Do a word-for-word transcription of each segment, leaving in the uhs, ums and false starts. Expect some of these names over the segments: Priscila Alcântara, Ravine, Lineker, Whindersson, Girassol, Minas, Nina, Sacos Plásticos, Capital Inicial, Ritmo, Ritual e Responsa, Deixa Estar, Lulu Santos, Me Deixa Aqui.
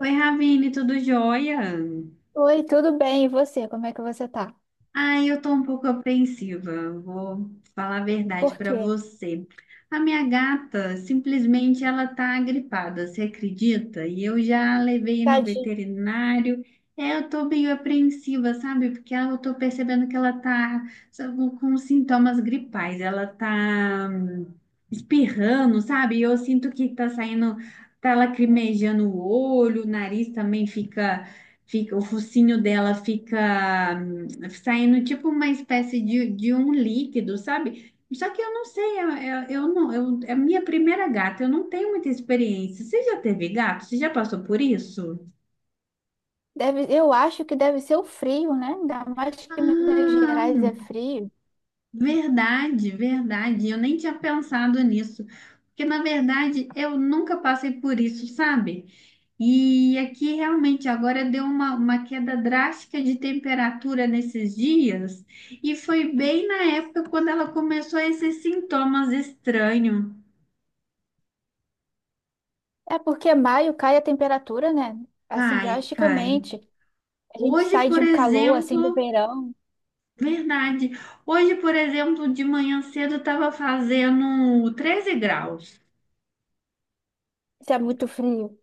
Oi, Ravine, tudo jóia? Oi, tudo bem? E você? Como é que você tá? Ai, eu tô um pouco apreensiva, vou falar a verdade Por para quê? você. A minha gata, simplesmente ela tá gripada, você acredita? E eu já levei no Tadinho. veterinário. É, eu tô meio apreensiva, sabe? Porque eu tô percebendo que ela tá sabe, com sintomas gripais, ela tá hum, espirrando, sabe? E eu sinto que tá saindo, tá lacrimejando o olho, o nariz também fica, fica, o focinho dela fica saindo tipo uma espécie de, de um líquido, sabe? Só que eu não sei, eu, eu, eu não, eu, é a minha primeira gata, eu não tenho muita experiência. Você já teve gato? Você já passou por isso? Deve, eu acho que deve ser o frio, né? Ainda mais que Minas Ah, Gerais é frio. verdade, verdade. Eu nem tinha pensado nisso, porque na verdade eu nunca passei por isso, sabe? E aqui realmente agora deu uma, uma queda drástica de temperatura nesses dias, e foi bem na época quando ela começou a esses sintomas estranhos. É porque maio cai a temperatura, né? Assim, Cai, cai. drasticamente. A gente Hoje, sai de por um calor, assim, do exemplo, verão. verdade. Hoje, por exemplo, de manhã cedo estava fazendo treze graus. Isso é muito frio.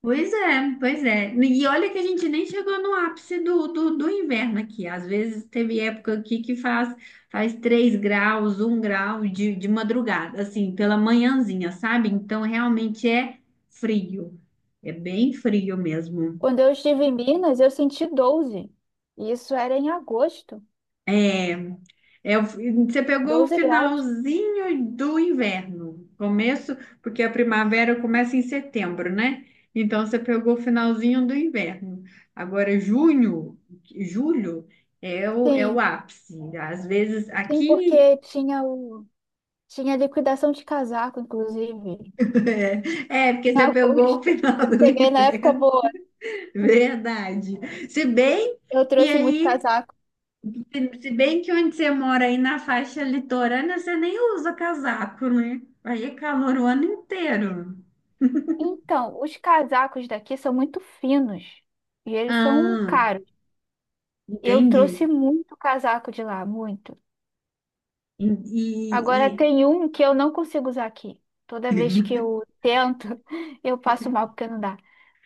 Pois é, pois é. E olha que a gente nem chegou no ápice do, do, do inverno aqui. Às vezes teve época aqui que faz, faz três graus, um grau de, de madrugada, assim, pela manhãzinha, sabe? Então realmente é frio. É bem frio mesmo. Quando eu estive em Minas, eu senti doze. E isso era em agosto. É, é, o fi- você pegou o doze graus. finalzinho do inverno, começo, porque a primavera começa em setembro, né? Então você pegou o finalzinho do inverno. Agora, junho, julho é o, é o Sim. ápice. Às vezes Sim, aqui porque tinha o... Tinha liquidação de casaco, inclusive. é, porque Em você pegou o agosto. final Eu do cheguei na época inverno. boa. Verdade. Se bem Eu que trouxe muito aí casaco. Se se bem que onde você mora aí na faixa litorânea, você nem usa casaco, né? Aí é calor o ano inteiro. Então, os casacos daqui são muito finos e eles são Ah, caros. Eu entendi. trouxe muito casaco de lá, muito. E, Agora e- tem um que eu não consigo usar aqui. Toda vez que eu tento, eu passo mal porque não dá.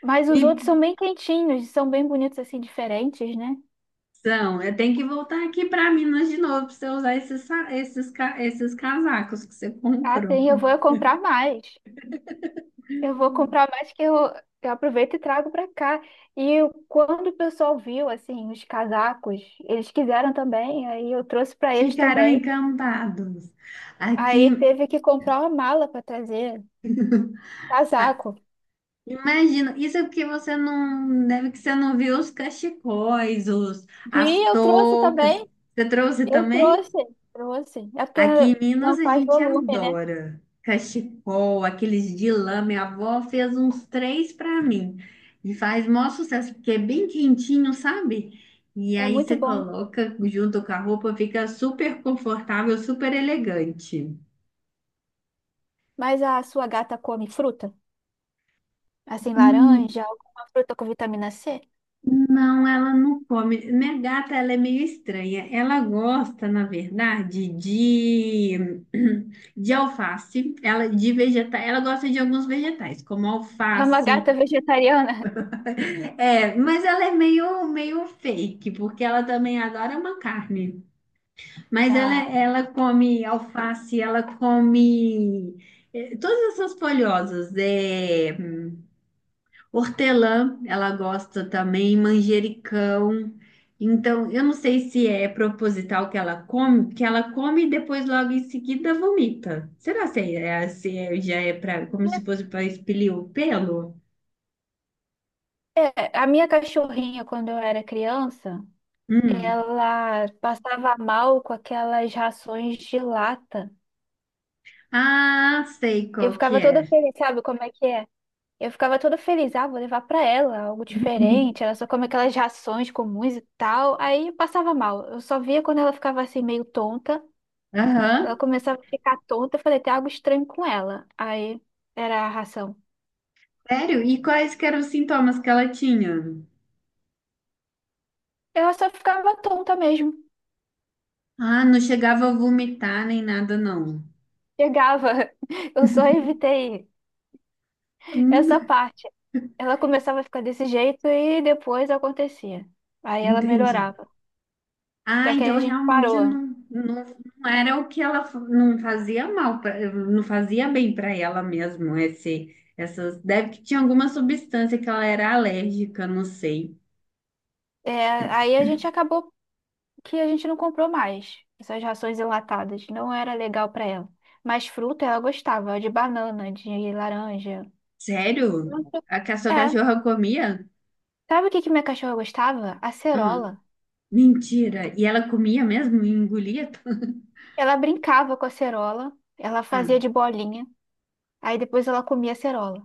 Mas os e- outros são bem quentinhos, são bem bonitos assim, diferentes, né? então, eu tenho que voltar aqui para Minas de novo para você usar esses, sa- esses, ca- esses casacos que você Ah, comprou. sim, eu vou comprar mais. Eu vou comprar mais que eu, eu aproveito e trago para cá. E eu- quando o pessoal viu, assim, os casacos, eles quiseram também, aí eu trouxe para eles Ficaram também. encantados. Aí Aqui, teve que comprar uma mala para trazer casaco. imagina, isso é porque você não, deve que você não viu os cachecóis, os, as Vi, eu trouxe toucas. também. Você trouxe Eu também? trouxe, Trouxe. É porque Aqui em não Minas a faz gente volume, né? adora cachecol, aqueles de lã. Minha avó fez uns três para mim e faz maior sucesso, porque é bem quentinho, sabe? E É aí muito você bom. coloca junto com a roupa, fica super confortável, super elegante. Mas a sua gata come fruta? Assim, Hum, laranja, alguma fruta com vitamina C? Não, ela não come. Minha gata, ela é meio estranha. Ela gosta, na verdade, de, de alface, ela de vegeta... ela gosta de alguns vegetais, como É uma alface. gata vegetariana? É, mas ela é meio, meio fake, porque ela também adora uma carne. Mas ela, Ah. ela come alface, ela come eh, todas essas folhosas. É, hortelã, ela gosta também, manjericão. Então, eu não sei se é proposital que ela come, que ela come e depois logo em seguida vomita. Será se, é, se é- já é pra, como se fosse para expelir o pelo? É, a minha cachorrinha, quando eu era criança, Hum. ela passava mal com aquelas rações de lata. Ah, sei Eu qual que ficava toda é. feliz, sabe como é que é? Eu ficava toda feliz, ah, vou levar pra ela algo diferente. Ela só come aquelas rações comuns e tal. Aí eu passava mal. Eu só via quando ela ficava assim meio tonta. Ela Aham. começava a ficar tonta. Eu falei, tem algo estranho com ela. Aí era a ração. Sério? E quais que eram os sintomas que ela tinha? Ela só ficava tonta mesmo. Ah, não chegava a vomitar nem nada, não. Chegava. Eu só evitei essa Hum, parte. Ela começava a ficar desse jeito e depois acontecia. Aí ela entendi. melhorava. Ah, Só que aí então a gente realmente parou. não, não, não era o que ela fa- não fazia mal, pra, não fazia bem para ela mesmo. Esse, essas, deve que tinha alguma substância que ela era alérgica, não sei. É, aí a gente acabou que a gente não comprou mais essas rações enlatadas. Não era legal pra ela. Mas fruta ela gostava, de banana, de laranja. Sério? A que a sua É. cachorra comia? Sabe o que que minha cachorra gostava? Ah, Acerola. mentira. E ela comia mesmo e engolia? Ela brincava com a acerola, ela fazia Tudo? de bolinha, aí depois ela comia acerola.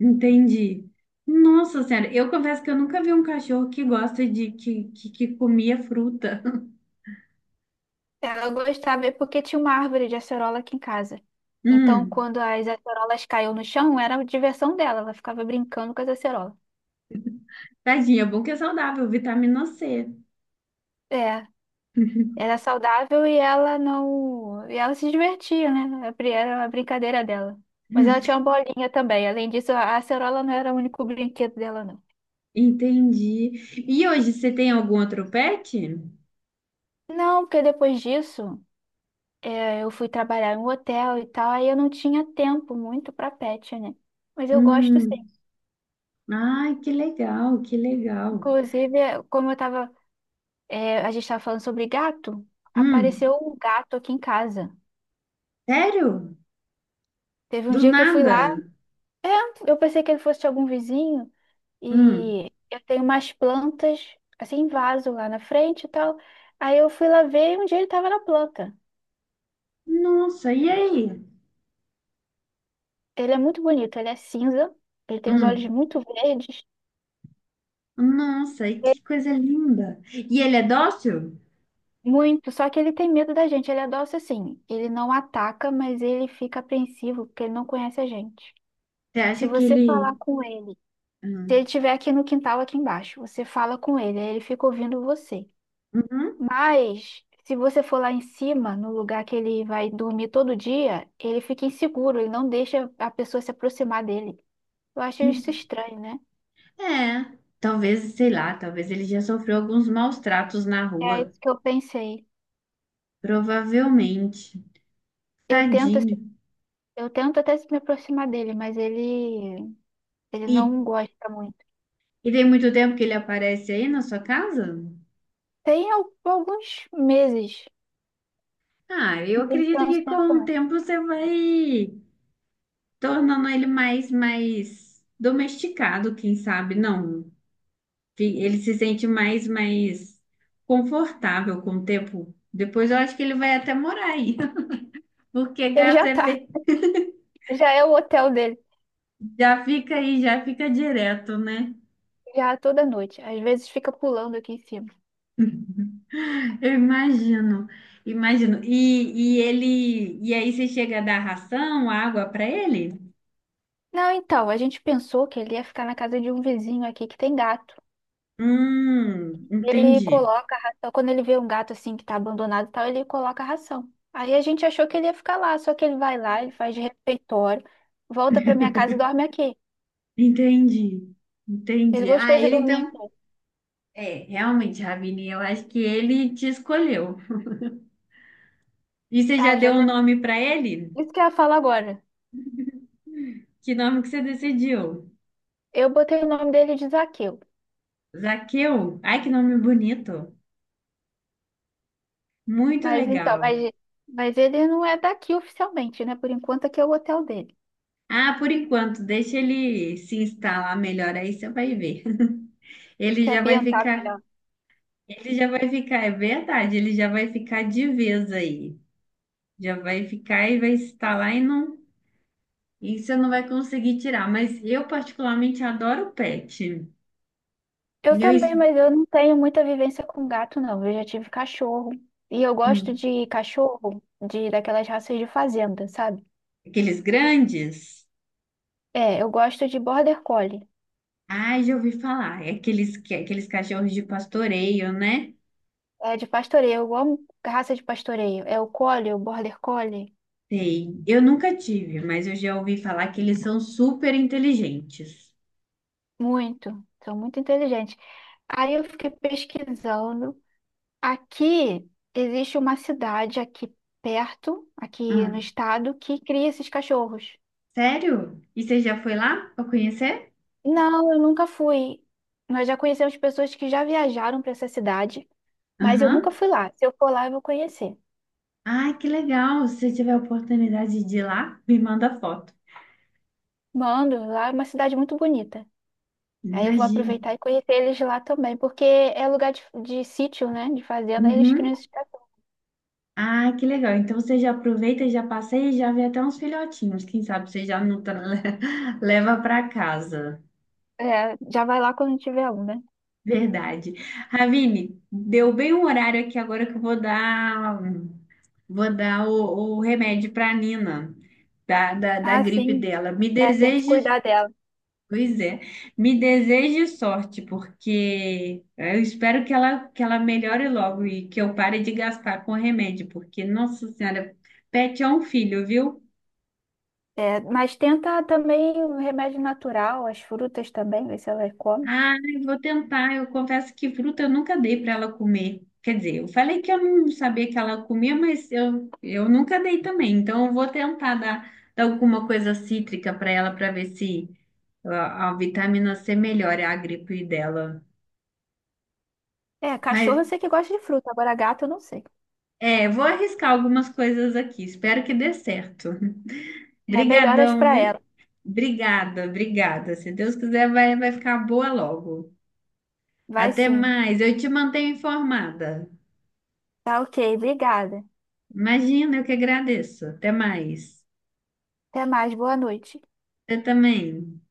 Entendi. Nossa Senhora, eu confesso que eu nunca vi um cachorro que gosta de que, que, que comia fruta. Ela gostava é porque tinha uma árvore de acerola aqui em casa. Então, Hum, quando as acerolas caíam no chão, era a diversão dela. Ela ficava brincando com as acerolas. tadinha, é bom que é saudável, vitamina C. É, era saudável e ela não. E ela se divertia, né? Era era a brincadeira dela. Mas Hum, ela tinha uma bolinha também. Além disso, a acerola não era o único brinquedo dela, não. entendi. E hoje você tem algum outro pet? Não, porque depois disso, é, eu fui trabalhar em um hotel e tal, aí eu não tinha tempo muito pra pet, né? Mas eu gosto sim. Hum, ai, que legal, que legal. Inclusive, como eu tava É, a gente estava falando sobre gato. Hum, Apareceu um gato aqui em casa. sério? Teve um Do dia que eu fui nada? lá, eu pensei que ele fosse de algum vizinho Hum, e eu tenho umas plantas assim em vaso lá na frente e tal. Aí eu fui lá ver e um dia ele estava na planta. nossa, e aí? Ele é muito bonito, ele é cinza, ele tem os olhos Hum, muito verdes, nossa, e é que coisa linda. E ele é dócil? muito, só que ele tem medo da gente, ele é dócil assim. Ele não ataca, mas ele fica apreensivo porque ele não conhece a gente. Você Se acha que você falar ele. com ele, se Hum, ele estiver aqui no quintal, aqui embaixo, você fala com ele, aí ele fica ouvindo você. uhum. Mas se você for lá em cima, no lugar que ele vai dormir todo dia, ele fica inseguro, ele não deixa a pessoa se aproximar dele. Eu acho isso E- estranho, né? É, talvez, sei lá, talvez ele já sofreu alguns maus tratos na É rua. isso que eu pensei. Provavelmente. Eu tento, Tadinho. eu tento até me aproximar dele, mas ele, ele E, não gosta muito. e tem muito tempo que ele aparece aí na sua casa? Tem al- alguns meses, Ah, eu não tem acredito tanto que tempo com o não. tempo você vai tornando ele mais, mais domesticado, quem sabe, não. Que ele se sente mais, mais confortável com o tempo. Depois eu acho que ele vai até morar aí, porque Ele gato já é tá, bem. Já é o hotel dele, Já fica aí, já fica direto, né? já é toda noite. Às vezes fica pulando aqui em cima. Eu imagino, imagino. E, e ele, e aí você chega a dar ração, água para ele? Não, então, a gente pensou que ele ia ficar na casa de um vizinho aqui que tem gato. Hum, Ele entendi, coloca a ração, quando ele vê um gato assim que tá abandonado e tal, ele coloca a ração. Aí a gente achou que ele ia ficar lá, só que ele vai lá, ele faz de refeitório, volta pra minha casa e dorme aqui. entendi, Ele entendi. gostou Ah, de ele dormir então, aqui. é, realmente, Ravine, eu acho que ele te escolheu. E você já Ah, eu já deu um até... nome para ele? Isso que eu ia falar agora. Que nome que você decidiu? Eu botei o nome dele de Zaqueu. Zaqueu? Ai, que nome bonito. Muito Mas então, legal. mas, mas ele não é daqui oficialmente, né? Por enquanto aqui é o hotel dele. Ah, por enquanto, deixa ele se instalar melhor aí, você vai ver. Ele Se já vai ambientar ficar, melhor. ele já vai ficar, é verdade, ele já vai ficar de vez aí. Já vai ficar e vai estar lá e não, e você não vai conseguir tirar. Mas eu particularmente adoro pet. Eu Eu, es- também, mas eu não tenho muita vivência com gato, não. Eu já tive cachorro. E eu gosto hum, de cachorro de daquelas raças de fazenda, sabe? aqueles grandes, É, eu gosto de border collie. ai, já ouvi falar, é aqueles, que- aqueles cachorros de pastoreio, né? É de pastoreio. Eu amo raça de pastoreio. É o collie, o border collie. Sei. Eu nunca tive, mas eu já ouvi falar que eles são super inteligentes. Muito. São muito inteligentes. Aí eu fiquei pesquisando. Aqui existe uma cidade aqui perto, aqui Ah, no estado, que cria esses cachorros. sério? E você já foi lá para conhecer? Não, eu nunca fui. Nós já conhecemos pessoas que já viajaram para essa cidade, mas eu nunca Aham. fui lá. Se eu for lá, eu vou conhecer. Ai, que legal! Se você tiver a oportunidade de ir lá, me manda foto. Mando, lá é uma cidade muito bonita. Aí eu vou Imagino. aproveitar e conhecer eles lá também, porque é lugar de, de sítio, né? De fazenda, aí eles Uhum. criam esse cachorros. Ai, que legal. Então você já aproveita, já passeia e já vê até uns filhotinhos. Quem sabe você já não tra- leva para casa. É, já vai lá quando tiver um, né? Verdade. Ravine, deu bem o horário aqui agora que eu vou dar, vou dar o, o remédio para a Nina, da, da, da Ah, gripe sim. dela. Me É, tem que deseje. cuidar dela. Pois é, me deseje sorte, porque eu espero que ela, que ela melhore logo e que eu pare de gastar com remédio, porque, nossa senhora, pet é um filho, viu? É, mas tenta também um remédio natural, as frutas também, ver se ela come. Ah, eu vou tentar, eu confesso que fruta eu nunca dei para ela comer. Quer dizer, eu falei que eu não sabia que ela comia, mas eu, eu nunca dei também, então eu vou tentar dar, dar alguma coisa cítrica para ela para ver se a, a vitamina C melhora a gripe dela. É, cachorro Mas eu sei que gosta de fruta, agora gato eu não sei. é, vou arriscar algumas coisas aqui. Espero que dê certo. É, melhoras Brigadão, para viu? ela. Obrigada, obrigada. Se Deus quiser, vai, vai ficar boa logo. Vai Até sim. mais. Eu te mantenho informada. Tá ok, obrigada. Imagina, eu que agradeço. Até mais. Até mais, boa noite. Você também.